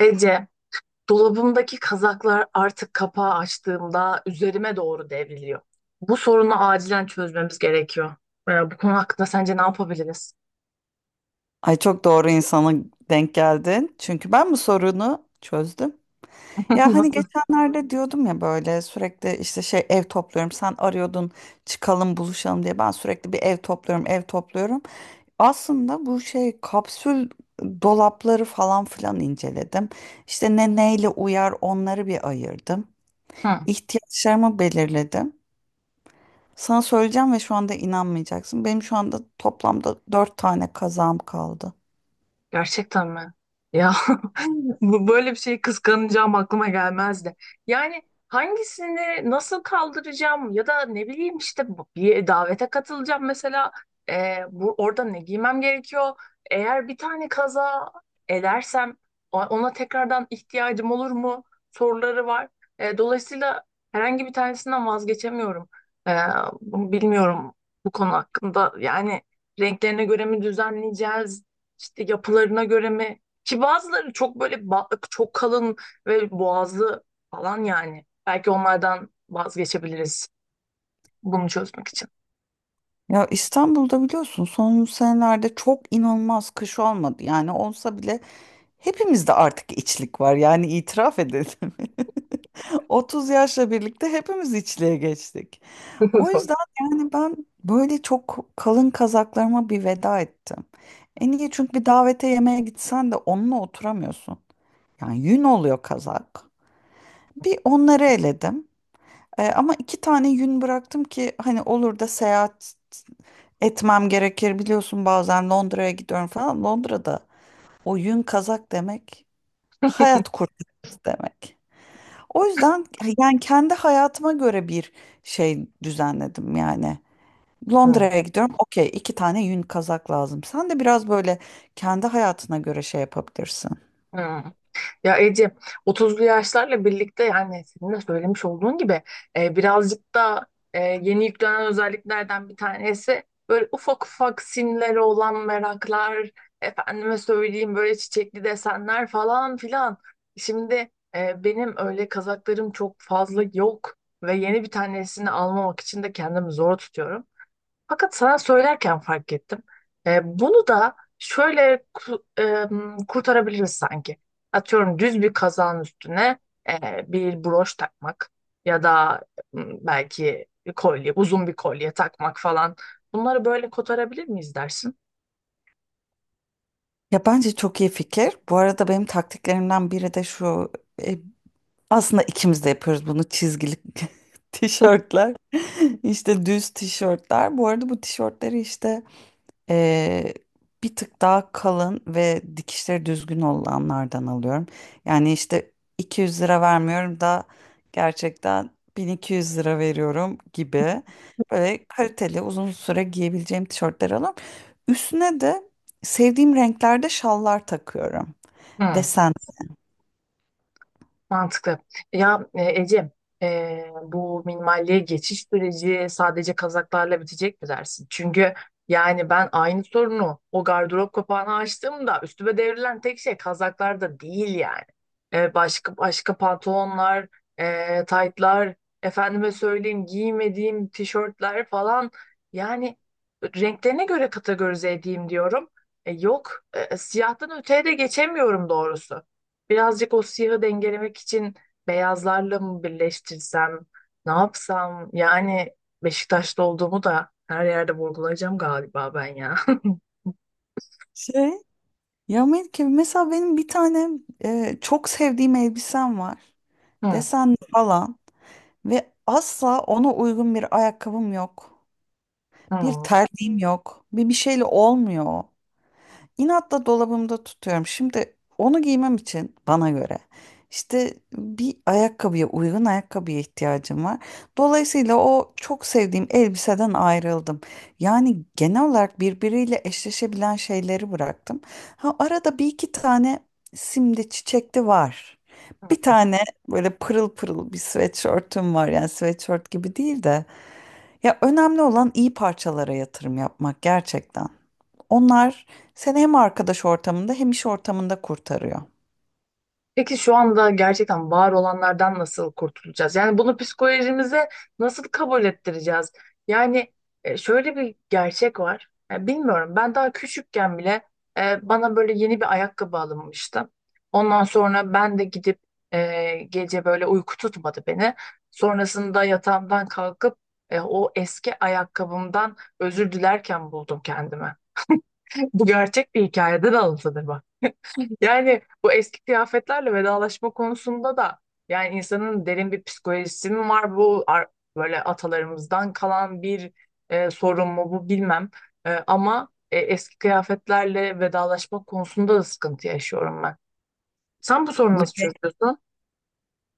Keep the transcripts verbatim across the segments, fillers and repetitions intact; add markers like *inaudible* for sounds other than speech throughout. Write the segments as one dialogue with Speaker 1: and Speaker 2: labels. Speaker 1: Ece, dolabımdaki kazaklar artık kapağı açtığımda üzerime doğru devriliyor. Bu sorunu acilen çözmemiz gerekiyor. Ee, bu konu hakkında sence ne yapabiliriz?
Speaker 2: Ay çok doğru insana denk geldin. Çünkü ben bu sorunu çözdüm. Ya
Speaker 1: *laughs*
Speaker 2: hani
Speaker 1: Nasıl?
Speaker 2: geçenlerde diyordum ya böyle sürekli işte şey ev topluyorum. Sen arıyordun çıkalım buluşalım diye. Ben sürekli bir ev topluyorum, ev topluyorum. Aslında bu şey kapsül dolapları falan filan inceledim. İşte ne neyle uyar onları bir ayırdım.
Speaker 1: Hı.
Speaker 2: İhtiyaçlarımı belirledim. Sana söyleyeceğim ve şu anda inanmayacaksın. Benim şu anda toplamda dört tane kazağım kaldı.
Speaker 1: Gerçekten mi? Ya *laughs* bu- böyle bir şeyi kıskanacağım aklıma gelmezdi. Yani hangisini nasıl kaldıracağım ya da ne bileyim işte bu- bir davete katılacağım mesela. Ee, bu orada ne giymem gerekiyor? Eğer bir tane kaza edersem o- ona tekrardan ihtiyacım olur mu? Soruları var. Ee, dolayısıyla herhangi bir tanesinden vazgeçemiyorum. Ee, Bunu bilmiyorum, bu konu hakkında, yani renklerine göre mi düzenleyeceğiz? İşte yapılarına göre mi? Ki bazıları çok böyle ba- çok kalın ve boğazlı falan yani. Belki onlardan vazgeçebiliriz bunu çözmek için.
Speaker 2: Ya İstanbul'da biliyorsun son senelerde çok inanılmaz kış olmadı. Yani olsa bile Hepimizde artık içlik var yani itiraf edelim. *laughs* otuz yaşla birlikte hepimiz içliğe geçtik. O
Speaker 1: *laughs* Doğru.
Speaker 2: yüzden yani ben böyle çok kalın kazaklarıma bir veda ettim. En iyi çünkü bir davete yemeğe gitsen de onunla oturamıyorsun. Yani yün oluyor kazak. Bir onları eledim. E, ama iki tane yün bıraktım ki hani olur da seyahat etmem gerekir. Biliyorsun bazen Londra'ya gidiyorum falan. Londra'da o yün kazak demek Hayat kurtarıcısı demek. O yüzden yani kendi hayatıma göre bir şey düzenledim yani.
Speaker 1: Hmm.
Speaker 2: Londra'ya gidiyorum. Okey, iki tane yün kazak lazım. Sen de biraz böyle kendi hayatına göre şey yapabilirsin.
Speaker 1: Hmm. Ya Ece, otuzlu yaşlarla birlikte, yani senin de söylemiş olduğun gibi, e, birazcık da e, yeni yüklenen özelliklerden bir tanesi böyle ufak ufak simleri olan meraklar, efendime söyleyeyim böyle çiçekli desenler falan filan. Şimdi e, benim öyle kazaklarım çok fazla yok ve yeni bir tanesini almamak için de kendimi zor tutuyorum. Fakat sana söylerken fark ettim. E, bunu da şöyle ku- e, kurtarabiliriz sanki. Atıyorum düz bir kazağın üstüne e, bir broş takmak ya da m, belki bir kolye, uzun bir kolye takmak falan. Bunları böyle kotarabilir miyiz dersin?
Speaker 2: Ya bence çok iyi fikir. Bu arada benim taktiklerimden biri de şu. e, Aslında ikimiz de yapıyoruz bunu çizgili *laughs*
Speaker 1: *laughs*
Speaker 2: tişörtler. *laughs* İşte düz tişörtler. Bu arada bu tişörtleri işte eee, bir tık daha kalın ve dikişleri düzgün olanlardan alıyorum. Yani işte iki yüz lira vermiyorum da gerçekten bin iki yüz lira veriyorum gibi. Böyle kaliteli uzun süre giyebileceğim tişörtleri alıyorum. Üstüne de sevdiğim renklerde şallar takıyorum.
Speaker 1: Hı.
Speaker 2: Desen.
Speaker 1: Mantıklı. Ya e, Ece, e, bu minimalliğe geçiş süreci sadece kazaklarla bitecek mi dersin? Çünkü yani ben aynı sorunu, o gardırop kapağını açtığımda üstüme devrilen tek şey kazaklar da değil yani. E, başka başka pantolonlar, e, taytlar, efendime söyleyeyim giymediğim tişörtler falan. Yani renklerine göre kategorize edeyim diyorum. E, yok, e, siyahtan öteye de geçemiyorum doğrusu. Birazcık o siyahı dengelemek için beyazlarla mı birleştirsem, ne yapsam? Yani Beşiktaşlı olduğumu da her yerde vurgulayacağım galiba ben ya. *laughs*
Speaker 2: şey. Ya Melike mesela benim bir tane e, çok sevdiğim elbisem var.
Speaker 1: Hı,
Speaker 2: Desenli falan ve asla ona uygun bir ayakkabım yok. Bir
Speaker 1: hı,
Speaker 2: terliğim yok. Bir bir şeyle olmuyor. İnatla dolabımda tutuyorum. Şimdi onu giymem için bana göre işte bir ayakkabıya uygun ayakkabıya ihtiyacım var. Dolayısıyla o çok sevdiğim elbiseden ayrıldım. Yani genel olarak birbiriyle eşleşebilen şeyleri bıraktım. Ha, arada bir iki tane simli çiçekli var. Bir
Speaker 1: hı.
Speaker 2: tane böyle pırıl pırıl bir sweatshirt'üm var. Yani sweatshirt gibi değil de. Ya önemli olan iyi parçalara yatırım yapmak gerçekten. Onlar seni hem arkadaş ortamında hem iş ortamında kurtarıyor.
Speaker 1: Peki şu anda gerçekten var olanlardan nasıl kurtulacağız? Yani bunu psikolojimize nasıl kabul ettireceğiz? Yani e, şöyle bir gerçek var. Ya bilmiyorum, ben daha küçükken bile e, bana böyle yeni bir ayakkabı alınmıştı. Ondan sonra ben de gidip e, gece böyle uyku tutmadı beni. Sonrasında yatağımdan kalkıp e, o eski ayakkabımdan özür dilerken buldum kendimi. *laughs* Bu gerçek bir hikayeden alıntıdır bak. Yani bu eski kıyafetlerle vedalaşma konusunda da, yani insanın derin bir psikolojisi mi var, bu ar- böyle atalarımızdan kalan bir e, sorun mu bu, bilmem. E, ama e, eski kıyafetlerle vedalaşma konusunda da sıkıntı yaşıyorum ben. Sen bu sorunu
Speaker 2: Bu
Speaker 1: nasıl
Speaker 2: şey,
Speaker 1: çözüyorsun?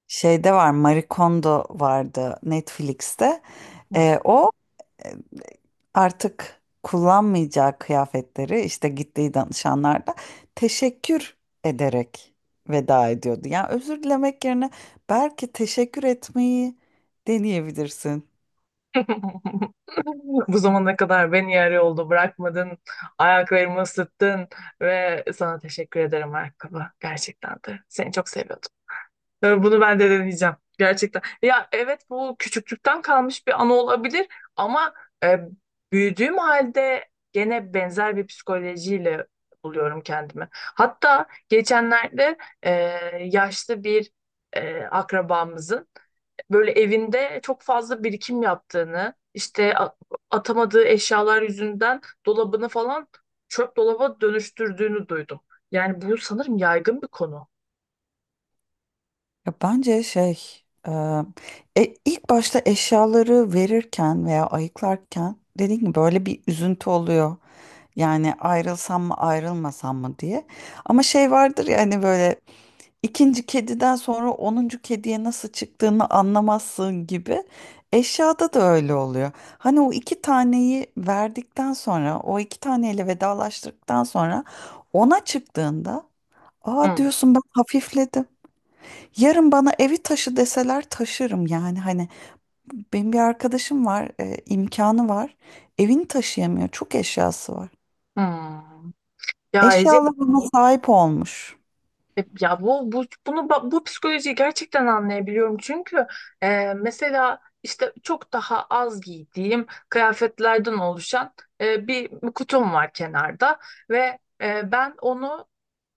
Speaker 2: şeyde var, Marie Kondo vardı Netflix'te.
Speaker 1: Hı.
Speaker 2: Ee, o e, artık kullanmayacağı kıyafetleri işte gittiği danışanlarda teşekkür ederek veda ediyordu. Yani özür dilemek yerine belki teşekkür etmeyi deneyebilirsin.
Speaker 1: *laughs* Bu zamana kadar beni yarı yolda bırakmadın, ayaklarımı ısıttın ve sana teşekkür ederim ayakkabı. Gerçekten de seni çok seviyordum. Ve bunu ben de deneyeceğim. Gerçekten. Ya evet, bu küçüklükten kalmış bir anı olabilir ama e, büyüdüğüm halde gene benzer bir psikolojiyle buluyorum kendimi. Hatta geçenlerde e, yaşlı bir e, akrabamızın böyle evinde çok fazla birikim yaptığını, işte a- atamadığı eşyalar yüzünden dolabını falan çöp dolaba dönüştürdüğünü duydum. Yani bu sanırım yaygın bir konu.
Speaker 2: Ya bence şey, e, e, ilk başta eşyaları verirken veya ayıklarken dediğim gibi böyle bir üzüntü oluyor. Yani ayrılsam mı ayrılmasam mı diye. Ama şey vardır ya hani böyle ikinci kediden sonra onuncu kediye nasıl çıktığını anlamazsın gibi. Eşyada da öyle oluyor. Hani o iki taneyi verdikten sonra o iki taneyle vedalaştıktan sonra ona çıktığında aa
Speaker 1: Hmm.
Speaker 2: diyorsun ben hafifledim. Yarın bana evi taşı deseler taşırım yani hani benim bir arkadaşım var e, imkanı var evini taşıyamıyor çok eşyası var.
Speaker 1: Hmm. Ya Ece,
Speaker 2: Eşyalarına sahip olmuş.
Speaker 1: e, ya bu, bu bunu ba- bu psikolojiyi gerçekten anlayabiliyorum çünkü e, mesela işte çok daha az giydiğim kıyafetlerden oluşan e, bir kutum var kenarda ve e, ben onu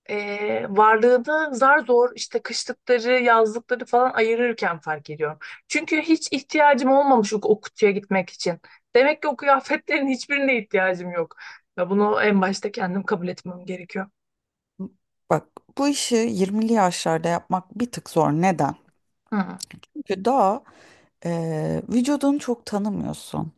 Speaker 1: e, varlığını zar zor, işte kışlıkları, yazlıkları falan ayırırken fark ediyorum. Çünkü hiç ihtiyacım olmamış o, o kutuya gitmek için. Demek ki o kıyafetlerin *laughs* hiçbirine ihtiyacım yok. Ve bunu en başta kendim kabul etmem gerekiyor.
Speaker 2: Bak bu işi yirmili yaşlarda yapmak bir tık zor neden?
Speaker 1: Hı.
Speaker 2: Çünkü daha e, vücudunu çok tanımıyorsun.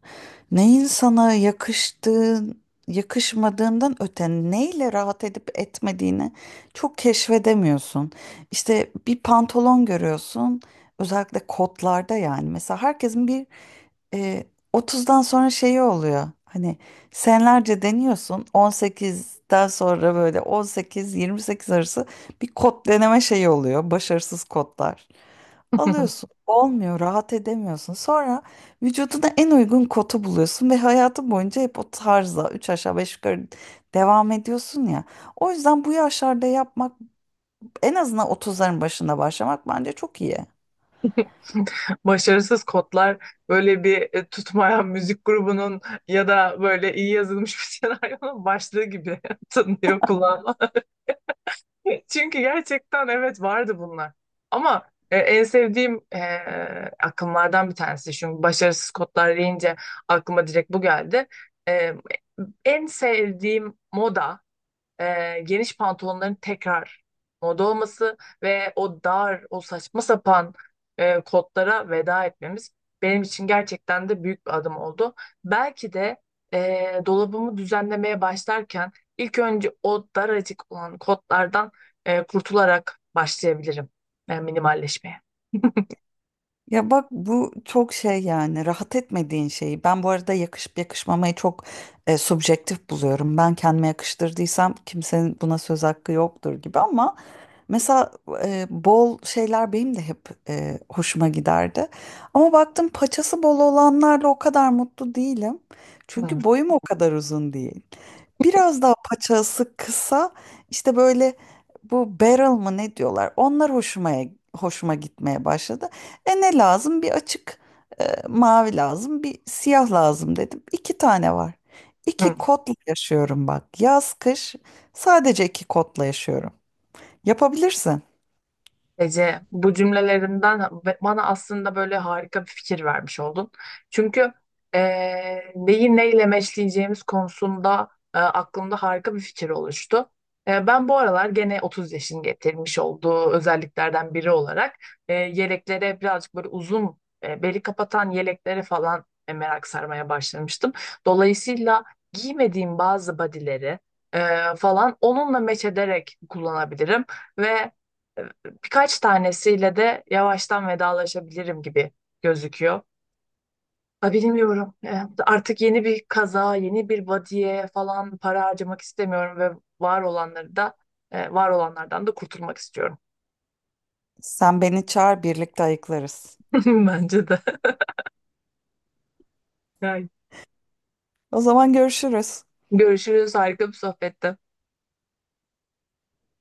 Speaker 2: Neyin sana yakıştığın, yakışmadığından öte neyle rahat edip etmediğini çok keşfedemiyorsun. İşte bir pantolon görüyorsun, özellikle kotlarda yani. Mesela herkesin bir e, otuzdan sonra şeyi oluyor. Hani senelerce deniyorsun On sekizden sonra böyle on sekiz yirmi sekiz arası bir kod deneme şeyi oluyor. Başarısız kodlar.
Speaker 1: *laughs*
Speaker 2: Alıyorsun olmuyor rahat edemiyorsun. Sonra vücuduna en uygun kodu buluyorsun ve hayatın boyunca hep o tarza üç aşağı beş yukarı devam ediyorsun ya. O yüzden bu yaşlarda yapmak en azından otuzların başında başlamak bence çok iyi.
Speaker 1: Başarısız kodlar böyle bir e, tutmayan müzik grubunun ya da böyle iyi yazılmış bir *laughs* senaryonun başlığı gibi *laughs* tınlıyor kulağıma. *laughs* Çünkü gerçekten evet, vardı bunlar. Ama e, en sevdiğim e, akımlardan bir tanesi. Çünkü başarısız kodlar deyince aklıma direkt bu geldi. E, En sevdiğim moda, e, geniş pantolonların tekrar moda olması ve o dar, o saçma sapan e, kotlara veda etmemiz, benim için gerçekten de büyük bir adım oldu. Belki de e, dolabımı düzenlemeye başlarken ilk önce o daracık olan kotlardan e, kurtularak başlayabilirim e, minimalleşmeye. *laughs*
Speaker 2: Ya bak bu çok şey yani rahat etmediğin şeyi. Ben bu arada yakışıp yakışmamayı çok e, subjektif buluyorum. Ben kendime yakıştırdıysam kimsenin buna söz hakkı yoktur gibi ama mesela e, bol şeyler benim de hep e, hoşuma giderdi. Ama baktım paçası bol olanlarla o kadar mutlu değilim.
Speaker 1: Hmm.
Speaker 2: Çünkü boyum o kadar uzun değil. Biraz daha paçası kısa işte böyle bu barrel mı ne diyorlar onlar hoşuma hoşuma gitmeye başladı. E ne lazım bir açık e, mavi lazım bir siyah lazım dedim. İki tane var.
Speaker 1: Hı.
Speaker 2: İki kotla yaşıyorum bak yaz kış sadece iki kotla yaşıyorum. Yapabilirsin.
Speaker 1: Ece, bu cümlelerinden ve- bana aslında böyle harika bir fikir vermiş oldun. Çünkü eee neyi neyle meşleyeceğimiz konusunda e, aklımda harika bir fikir oluştu. E, ben bu aralar gene otuz yaşın getirmiş olduğu özelliklerden biri olarak e, yeleklere, birazcık böyle uzun, e, beli kapatan yeleklere falan, e, merak sarmaya başlamıştım. Dolayısıyla giymediğim bazı bodyleri e, falan onunla meç ederek kullanabilirim ve birkaç tanesiyle de yavaştan vedalaşabilirim gibi gözüküyor. Ha, bilmiyorum. E, Artık yeni bir kaza, yeni bir body'ye falan para harcamak istemiyorum ve var olanları da e, var olanlardan da kurtulmak istiyorum.
Speaker 2: Sen beni çağır birlikte ayıklarız.
Speaker 1: *laughs* Bence de. Yani
Speaker 2: O zaman görüşürüz.
Speaker 1: görüşürüz. Harika bir sohbette.